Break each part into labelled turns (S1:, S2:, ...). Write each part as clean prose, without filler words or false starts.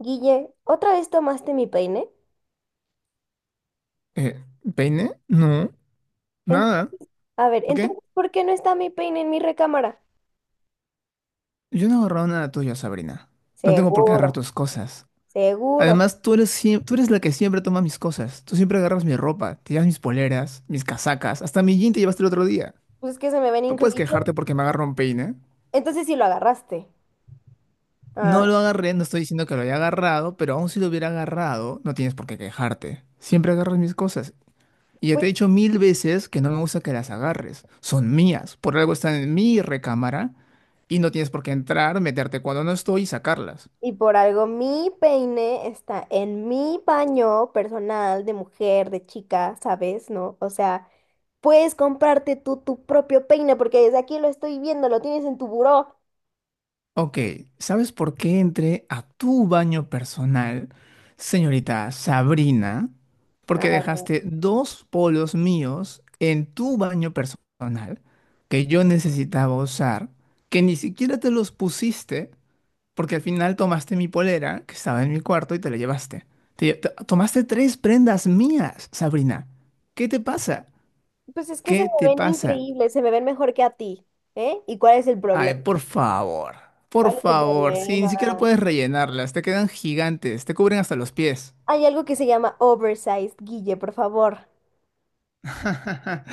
S1: Guille, ¿otra vez tomaste mi peine?
S2: Eh, ¿Peine? No,
S1: En-
S2: nada.
S1: a ver,
S2: ¿Por qué?
S1: entonces, ¿por qué no está mi peine en mi recámara?
S2: Yo no he agarrado nada tuyo, Sabrina. No tengo por qué agarrar
S1: Seguro,
S2: tus cosas.
S1: seguro.
S2: Además, tú eres la que siempre toma mis cosas. Tú siempre agarras mi ropa, te llevas mis poleras, mis casacas, hasta mi jean te llevaste el otro día.
S1: Pues es que se me ven
S2: No puedes
S1: increíbles.
S2: quejarte porque me agarró un peine.
S1: Entonces sí lo agarraste.
S2: No
S1: Ah,
S2: lo agarré, no estoy diciendo que lo haya agarrado, pero aun si lo hubiera agarrado, no tienes por qué quejarte. Siempre agarras mis cosas. Y ya
S1: pues,
S2: te he dicho mil veces que no me gusta que las agarres. Son mías. Por algo están en mi recámara y no tienes por qué entrar, meterte cuando no estoy y sacarlas.
S1: y por algo mi peine está en mi baño personal de mujer, de chica, ¿sabes? ¿No? O sea, puedes comprarte tú tu propio peine porque desde aquí lo estoy viendo, lo tienes en tu buró.
S2: Ok, ¿sabes por qué entré a tu baño personal, señorita Sabrina? Porque
S1: Ah,
S2: dejaste dos polos míos en tu baño personal que yo necesitaba usar, que ni siquiera te los pusiste. Porque al final tomaste mi polera, que estaba en mi cuarto, y te la llevaste. Tomaste tres prendas mías, Sabrina. ¿Qué te pasa?
S1: pues es que se
S2: ¿Qué
S1: me
S2: te
S1: ven
S2: pasa?
S1: increíbles, se me ven mejor que a ti, ¿eh? ¿Y cuál es el
S2: Ay,
S1: problema?
S2: por favor. Por
S1: ¿Cuál es el
S2: favor. Sí,
S1: problema?
S2: ni siquiera puedes rellenarlas. Te quedan gigantes. Te cubren hasta los pies.
S1: Hay algo que se llama oversized, Guille, por favor.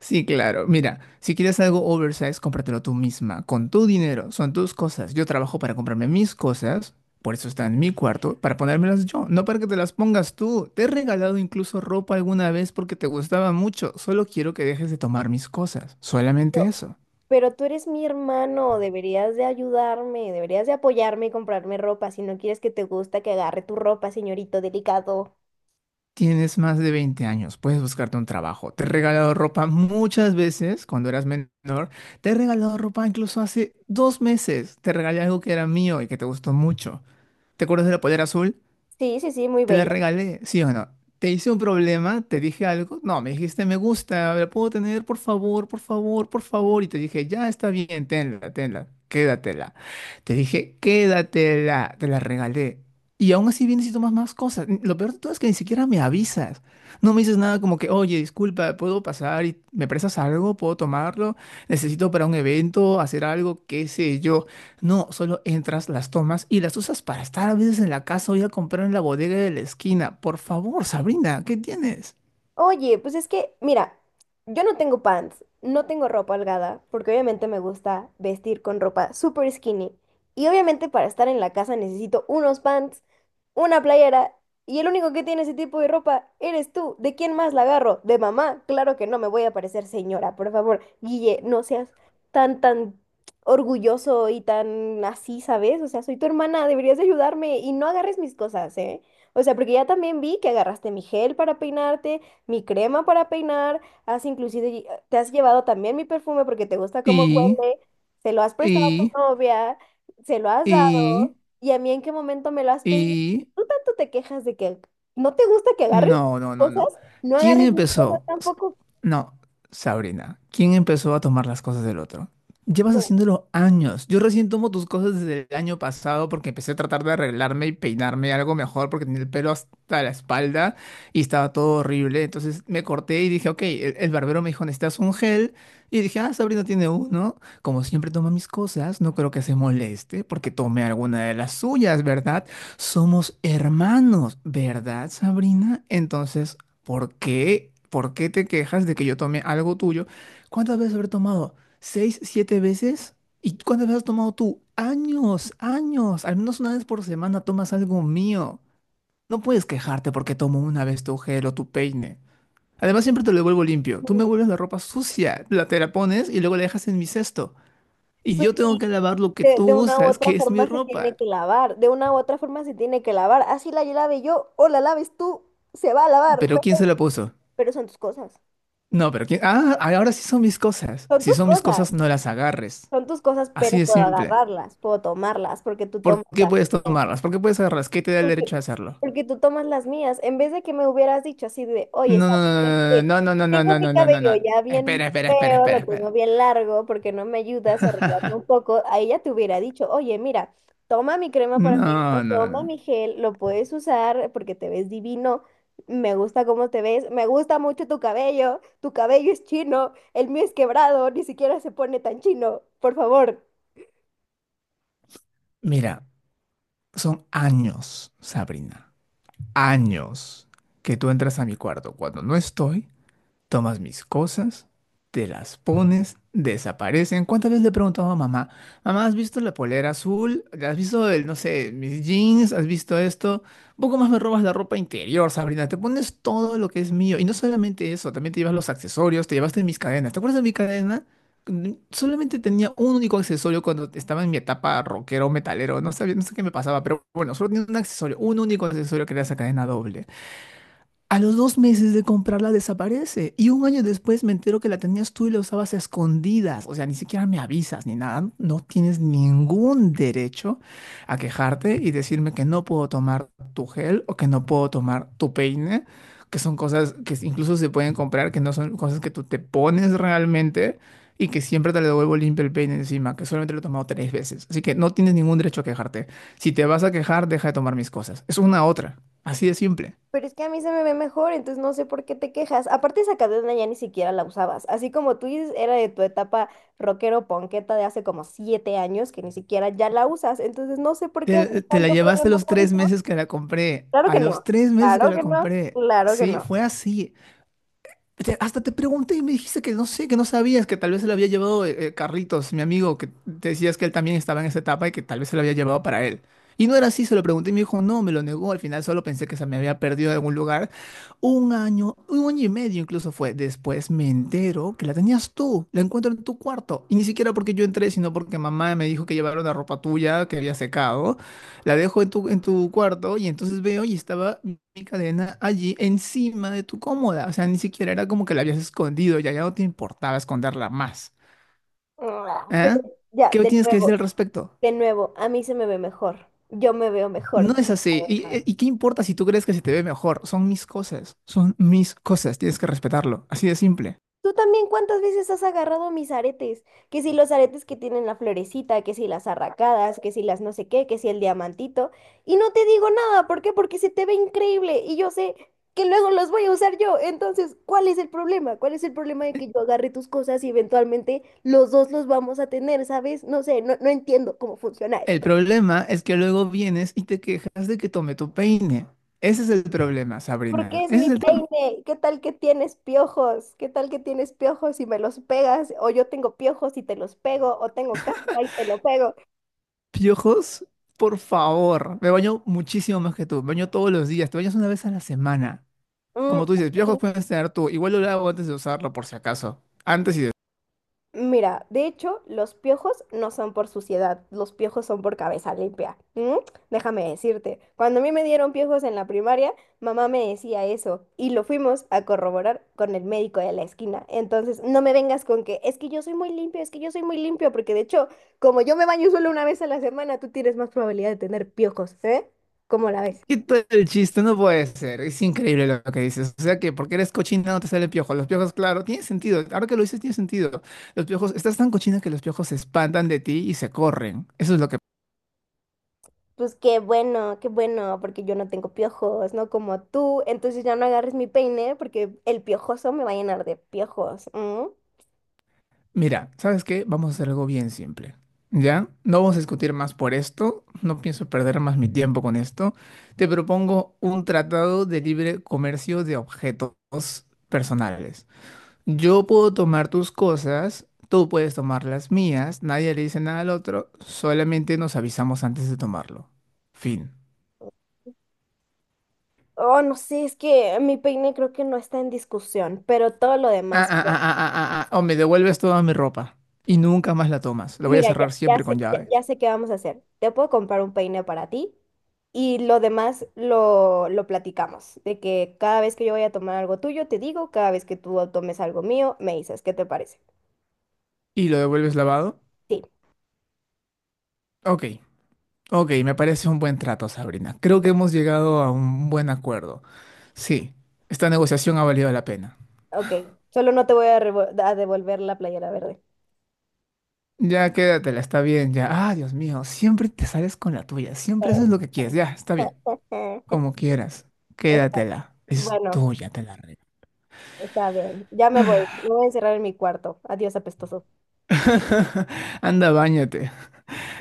S2: Sí, claro. Mira, si quieres algo oversize, cómpratelo tú misma, con tu dinero. Son tus cosas. Yo trabajo para comprarme mis cosas, por eso está en mi cuarto, para ponérmelas yo, no para que te las pongas tú. Te he regalado incluso ropa alguna vez porque te gustaba mucho. Solo quiero que dejes de tomar mis cosas. Solamente
S1: Pero
S2: eso.
S1: pero tú eres mi hermano, deberías de ayudarme, deberías de apoyarme y comprarme ropa si no quieres que te gusta que agarre tu ropa, señorito delicado.
S2: Tienes más de 20 años, puedes buscarte un trabajo. Te he regalado ropa muchas veces cuando eras menor. Te he regalado ropa incluso hace dos meses. Te regalé algo que era mío y que te gustó mucho. ¿Te acuerdas de la polera azul?
S1: Sí, sí, sí, muy
S2: Te la
S1: bella.
S2: regalé, ¿sí o no? Te hice un problema, te dije algo. No, me dijiste me gusta, la puedo tener, por favor, por favor, por favor. Y te dije, ya está bien, tenla, tenla, quédatela. Te dije, quédatela, te la regalé. Y aún así vienes y tomas más cosas. Lo peor de todo es que ni siquiera me avisas. No me dices nada como que, oye, disculpa, ¿puedo pasar y me prestas algo? ¿Puedo tomarlo? Necesito para un evento, hacer algo, qué sé yo. No, solo entras, las tomas y las usas para estar a veces en la casa o ir a comprar en la bodega de la esquina. Por favor, Sabrina, ¿qué tienes?
S1: Oye, pues es que, mira, yo no tengo pants, no tengo ropa holgada, porque obviamente me gusta vestir con ropa super skinny. Y obviamente para estar en la casa necesito unos pants, una playera, y el único que tiene ese tipo de ropa eres tú. ¿De quién más la agarro? ¿De mamá? Claro que no, me voy a parecer señora, por favor. Guille, no seas tan, tan orgulloso y tan así, ¿sabes? O sea, soy tu hermana, deberías de ayudarme y no agarres mis cosas, ¿eh? O sea, porque ya también vi que agarraste mi gel para peinarte, mi crema para peinar, has inclusive, te has llevado también mi perfume porque te gusta cómo
S2: Y,
S1: huele, se lo has prestado a
S2: y,
S1: tu novia, se lo has dado,
S2: y,
S1: y a mí en qué momento me lo has pedido.
S2: y,
S1: Tú tanto te quejas de que no te gusta que agarres
S2: No, no, no, no.
S1: cosas, no
S2: ¿Quién
S1: agarres mis cosas
S2: empezó?
S1: tampoco
S2: No, Sabrina. ¿Quién empezó a tomar las cosas del otro? Llevas
S1: tú.
S2: haciéndolo años. Yo recién tomo tus cosas desde el año pasado porque empecé a tratar de arreglarme y peinarme algo mejor porque tenía el pelo hasta la espalda y estaba todo horrible. Entonces me corté y dije, ok, el barbero me dijo, necesitas un gel. Y dije, ah, Sabrina tiene uno. Como siempre toma mis cosas, no creo que se moleste porque tome alguna de las suyas, ¿verdad? Somos hermanos, ¿verdad, Sabrina? Entonces, ¿por qué? ¿Por qué te quejas de que yo tomé algo tuyo? ¿Cuántas veces habré tomado? ¿Seis, siete veces? ¿Y cuántas veces has tomado tú? Años, años. Al menos una vez por semana tomas algo mío. No puedes quejarte porque tomo una vez tu gel o tu peine. Además, siempre te lo devuelvo limpio. Tú me
S1: Mm,
S2: vuelves la ropa sucia, la te la pones y luego la dejas en mi cesto. Y
S1: pues,
S2: yo tengo que lavar lo que
S1: De,
S2: tú
S1: de una u
S2: usas,
S1: otra
S2: que es mi
S1: forma se tiene
S2: ropa.
S1: que lavar, de una u otra forma se tiene que lavar, así la lave yo o la laves tú, se va a lavar,
S2: ¿Pero quién se la puso?
S1: pero son tus cosas,
S2: No, pero ¿quién? Ah, ahora sí son mis cosas.
S1: son
S2: Si
S1: tus
S2: son mis
S1: cosas.
S2: cosas, no las agarres.
S1: Son tus cosas, pero
S2: Así de
S1: puedo
S2: simple.
S1: agarrarlas, puedo tomarlas, porque tú
S2: ¿Por
S1: tomas
S2: qué
S1: las
S2: puedes
S1: mías.
S2: tomarlas? ¿Por qué puedes agarrarlas? ¿Qué te da el
S1: Porque,
S2: derecho de hacerlo?
S1: porque tú tomas las mías. En vez de que me hubieras dicho así de, oye,
S2: No, no,
S1: Sara, es,
S2: no, no, no, no,
S1: tengo
S2: no, no,
S1: mi
S2: no, no, no, no, no,
S1: cabello
S2: no, no.
S1: ya
S2: Espera,
S1: bien
S2: espera, espera,
S1: feo, lo
S2: espera,
S1: tengo
S2: espera.
S1: bien largo, porque no me ayudas a arreglarme un poco, ahí ya te hubiera dicho, oye, mira, toma mi crema para
S2: No,
S1: peinar,
S2: no,
S1: toma
S2: no.
S1: mi gel, lo puedes usar porque te ves divino. Me gusta cómo te ves, me gusta mucho tu cabello es chino, el mío es quebrado, ni siquiera se pone tan chino, por favor.
S2: Mira, son años, Sabrina. Años que tú entras a mi cuarto cuando no estoy. Tomas mis cosas, te las pones, desaparecen. ¿Cuántas veces le he preguntado a mamá, mamá, ¿has visto la polera azul? ¿Has visto el, no sé, mis jeans? ¿Has visto esto? Un poco más me robas la ropa interior, Sabrina. Te pones todo lo que es mío. Y no solamente eso, también te llevas los accesorios, te llevaste mis cadenas. ¿Te acuerdas de mi cadena? Mm. Solamente tenía un único accesorio cuando estaba en mi etapa rockero, metalero, no sabía, no sé qué me pasaba, pero bueno, solo tenía un accesorio, un único accesorio que era esa cadena doble. A los dos meses de comprarla desaparece. Y un año después me entero que la tenías tú y la usabas a escondidas. O sea, ni siquiera me avisas ni nada. No tienes ningún derecho a quejarte y decirme que no puedo tomar tu gel o que no puedo tomar tu peine, que son cosas que incluso se pueden comprar, que no son cosas que tú te pones realmente y que siempre te le devuelvo limpio el peine encima, que solamente lo he tomado tres veces. Así que no tienes ningún derecho a quejarte. Si te vas a quejar, deja de tomar mis cosas. Es una otra. Así de simple.
S1: Pero es que a mí se me ve mejor, entonces no sé por qué te quejas. Aparte, esa cadena ya ni siquiera la usabas. Así como tú dices, era de tu etapa rockero ponqueta de hace como siete años que ni siquiera ya la usas. Entonces no sé por qué haces
S2: Te la
S1: tanto
S2: llevaste
S1: problema
S2: los
S1: por
S2: tres
S1: eso.
S2: meses que la compré.
S1: Claro
S2: A
S1: que
S2: los
S1: no,
S2: tres meses que
S1: claro
S2: la
S1: que no,
S2: compré.
S1: claro que
S2: Sí,
S1: no.
S2: fue así. Hasta te pregunté y me dijiste que no sé, que no sabías, que tal vez se la había llevado Carlitos, mi amigo, que te decías que él también estaba en esa etapa y que tal vez se la había llevado para él. Y no era así, se lo pregunté y me dijo, no, me lo negó. Al final solo pensé que se me había perdido en algún lugar. Un año y medio incluso fue. Después me entero que la tenías tú, la encuentro en tu cuarto. Y ni siquiera porque yo entré, sino porque mamá me dijo que llevaron la ropa tuya que había secado. La dejo en tu cuarto y entonces veo y estaba mi cadena allí encima de tu cómoda. O sea, ni siquiera era como que la habías escondido, ya, ya no te importaba esconderla más.
S1: Ah, pero
S2: ¿Ah?
S1: ya,
S2: ¿Qué tienes que decir al respecto?
S1: de nuevo, a mí se me ve mejor. Yo me veo mejor.
S2: No es así. Y qué importa si tú crees que se te ve mejor? Son mis cosas, tienes que respetarlo. Así de simple.
S1: Tú también, ¿cuántas veces has agarrado mis aretes? Que si los aretes que tienen la florecita, que si las arracadas, que si las no sé qué, que si el diamantito. Y no te digo nada, ¿por qué? Porque se te ve increíble y yo sé que luego los voy a usar yo. Entonces, ¿cuál es el problema? ¿Cuál es el problema de que yo agarre tus cosas y eventualmente los dos los vamos a tener, ¿sabes? No sé, no, no entiendo cómo funciona
S2: El
S1: esto.
S2: problema es que luego vienes y te quejas de que tome tu peine. Ese es el problema,
S1: Porque
S2: Sabrina.
S1: es
S2: Ese
S1: mi
S2: es el tema.
S1: peine. ¿Qué tal que tienes piojos? ¿Qué tal que tienes piojos y me los pegas? O yo tengo piojos y te los pego, o tengo caspa y te lo pego.
S2: Piojos, por favor. Me baño muchísimo más que tú. Me baño todos los días. Te bañas una vez a la semana. Como
S1: Mm.
S2: tú dices, piojos puedes tener tú. Igual lo lavo antes de usarlo, por si acaso. Antes y después.
S1: Mira, de hecho, los piojos no son por suciedad, los piojos son por cabeza limpia. ¿Mm? Déjame decirte, cuando a mí me dieron piojos en la primaria, mamá me decía eso y lo fuimos a corroborar con el médico de la esquina. Entonces, no me vengas con que es que yo soy muy limpio, es que yo soy muy limpio, porque de hecho, como yo me baño solo una vez a la semana, tú tienes más probabilidad de tener piojos, ¿eh? ¿Cómo la ves?
S2: Quita el chiste, no puede ser. Es increíble lo que dices. O sea que porque eres cochina no te sale piojo. Los piojos, claro, tiene sentido. Ahora que lo dices, tiene sentido. Los piojos, estás tan cochina que los piojos se espantan de ti y se corren. Eso es lo que.
S1: Pues qué bueno, porque yo no tengo piojos, no como tú. Entonces ya no agarres mi peine porque el piojoso me va a llenar de piojos. ¿M?
S2: Mira, ¿sabes qué? Vamos a hacer algo bien simple. ¿Ya? No vamos a discutir más por esto. No pienso perder más mi tiempo con esto. Te propongo un tratado de libre comercio de objetos personales. Yo puedo tomar tus cosas, tú puedes tomar las mías, nadie le dice nada al otro, solamente nos avisamos antes de tomarlo. Fin.
S1: Oh, no sé, es que mi peine creo que no está en discusión, pero todo lo
S2: Ah,
S1: demás.
S2: ah,
S1: Pues,
S2: ah, ah, ah, ah, ah, o me devuelves toda mi ropa y nunca más la tomas. Lo voy a
S1: mira,
S2: cerrar siempre con
S1: ya,
S2: llave.
S1: ya sé qué vamos a hacer. Te puedo comprar un peine para ti y lo demás lo platicamos. De que cada vez que yo vaya a tomar algo tuyo, te digo, cada vez que tú tomes algo mío, me dices, ¿qué te parece?
S2: ¿Y lo devuelves lavado?
S1: Sí,
S2: Ok. Ok, me parece un buen trato, Sabrina. Creo que hemos llegado a un buen acuerdo. Sí, esta negociación ha valido la pena.
S1: ok. Solo no te voy a devolver la playera verde.
S2: Ya quédatela, está bien, ya. Ah, Dios mío, siempre te sales con la tuya, siempre haces lo que quieres, ya, está bien. Como quieras,
S1: Está-
S2: quédatela. Es
S1: Bueno,
S2: tuya, te la
S1: está bien. Ya me voy.
S2: regalo.
S1: Me voy a encerrar en mi cuarto. Adiós, apestoso.
S2: Anda, báñate.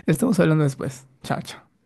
S2: Estamos hablando después. Chao, chao.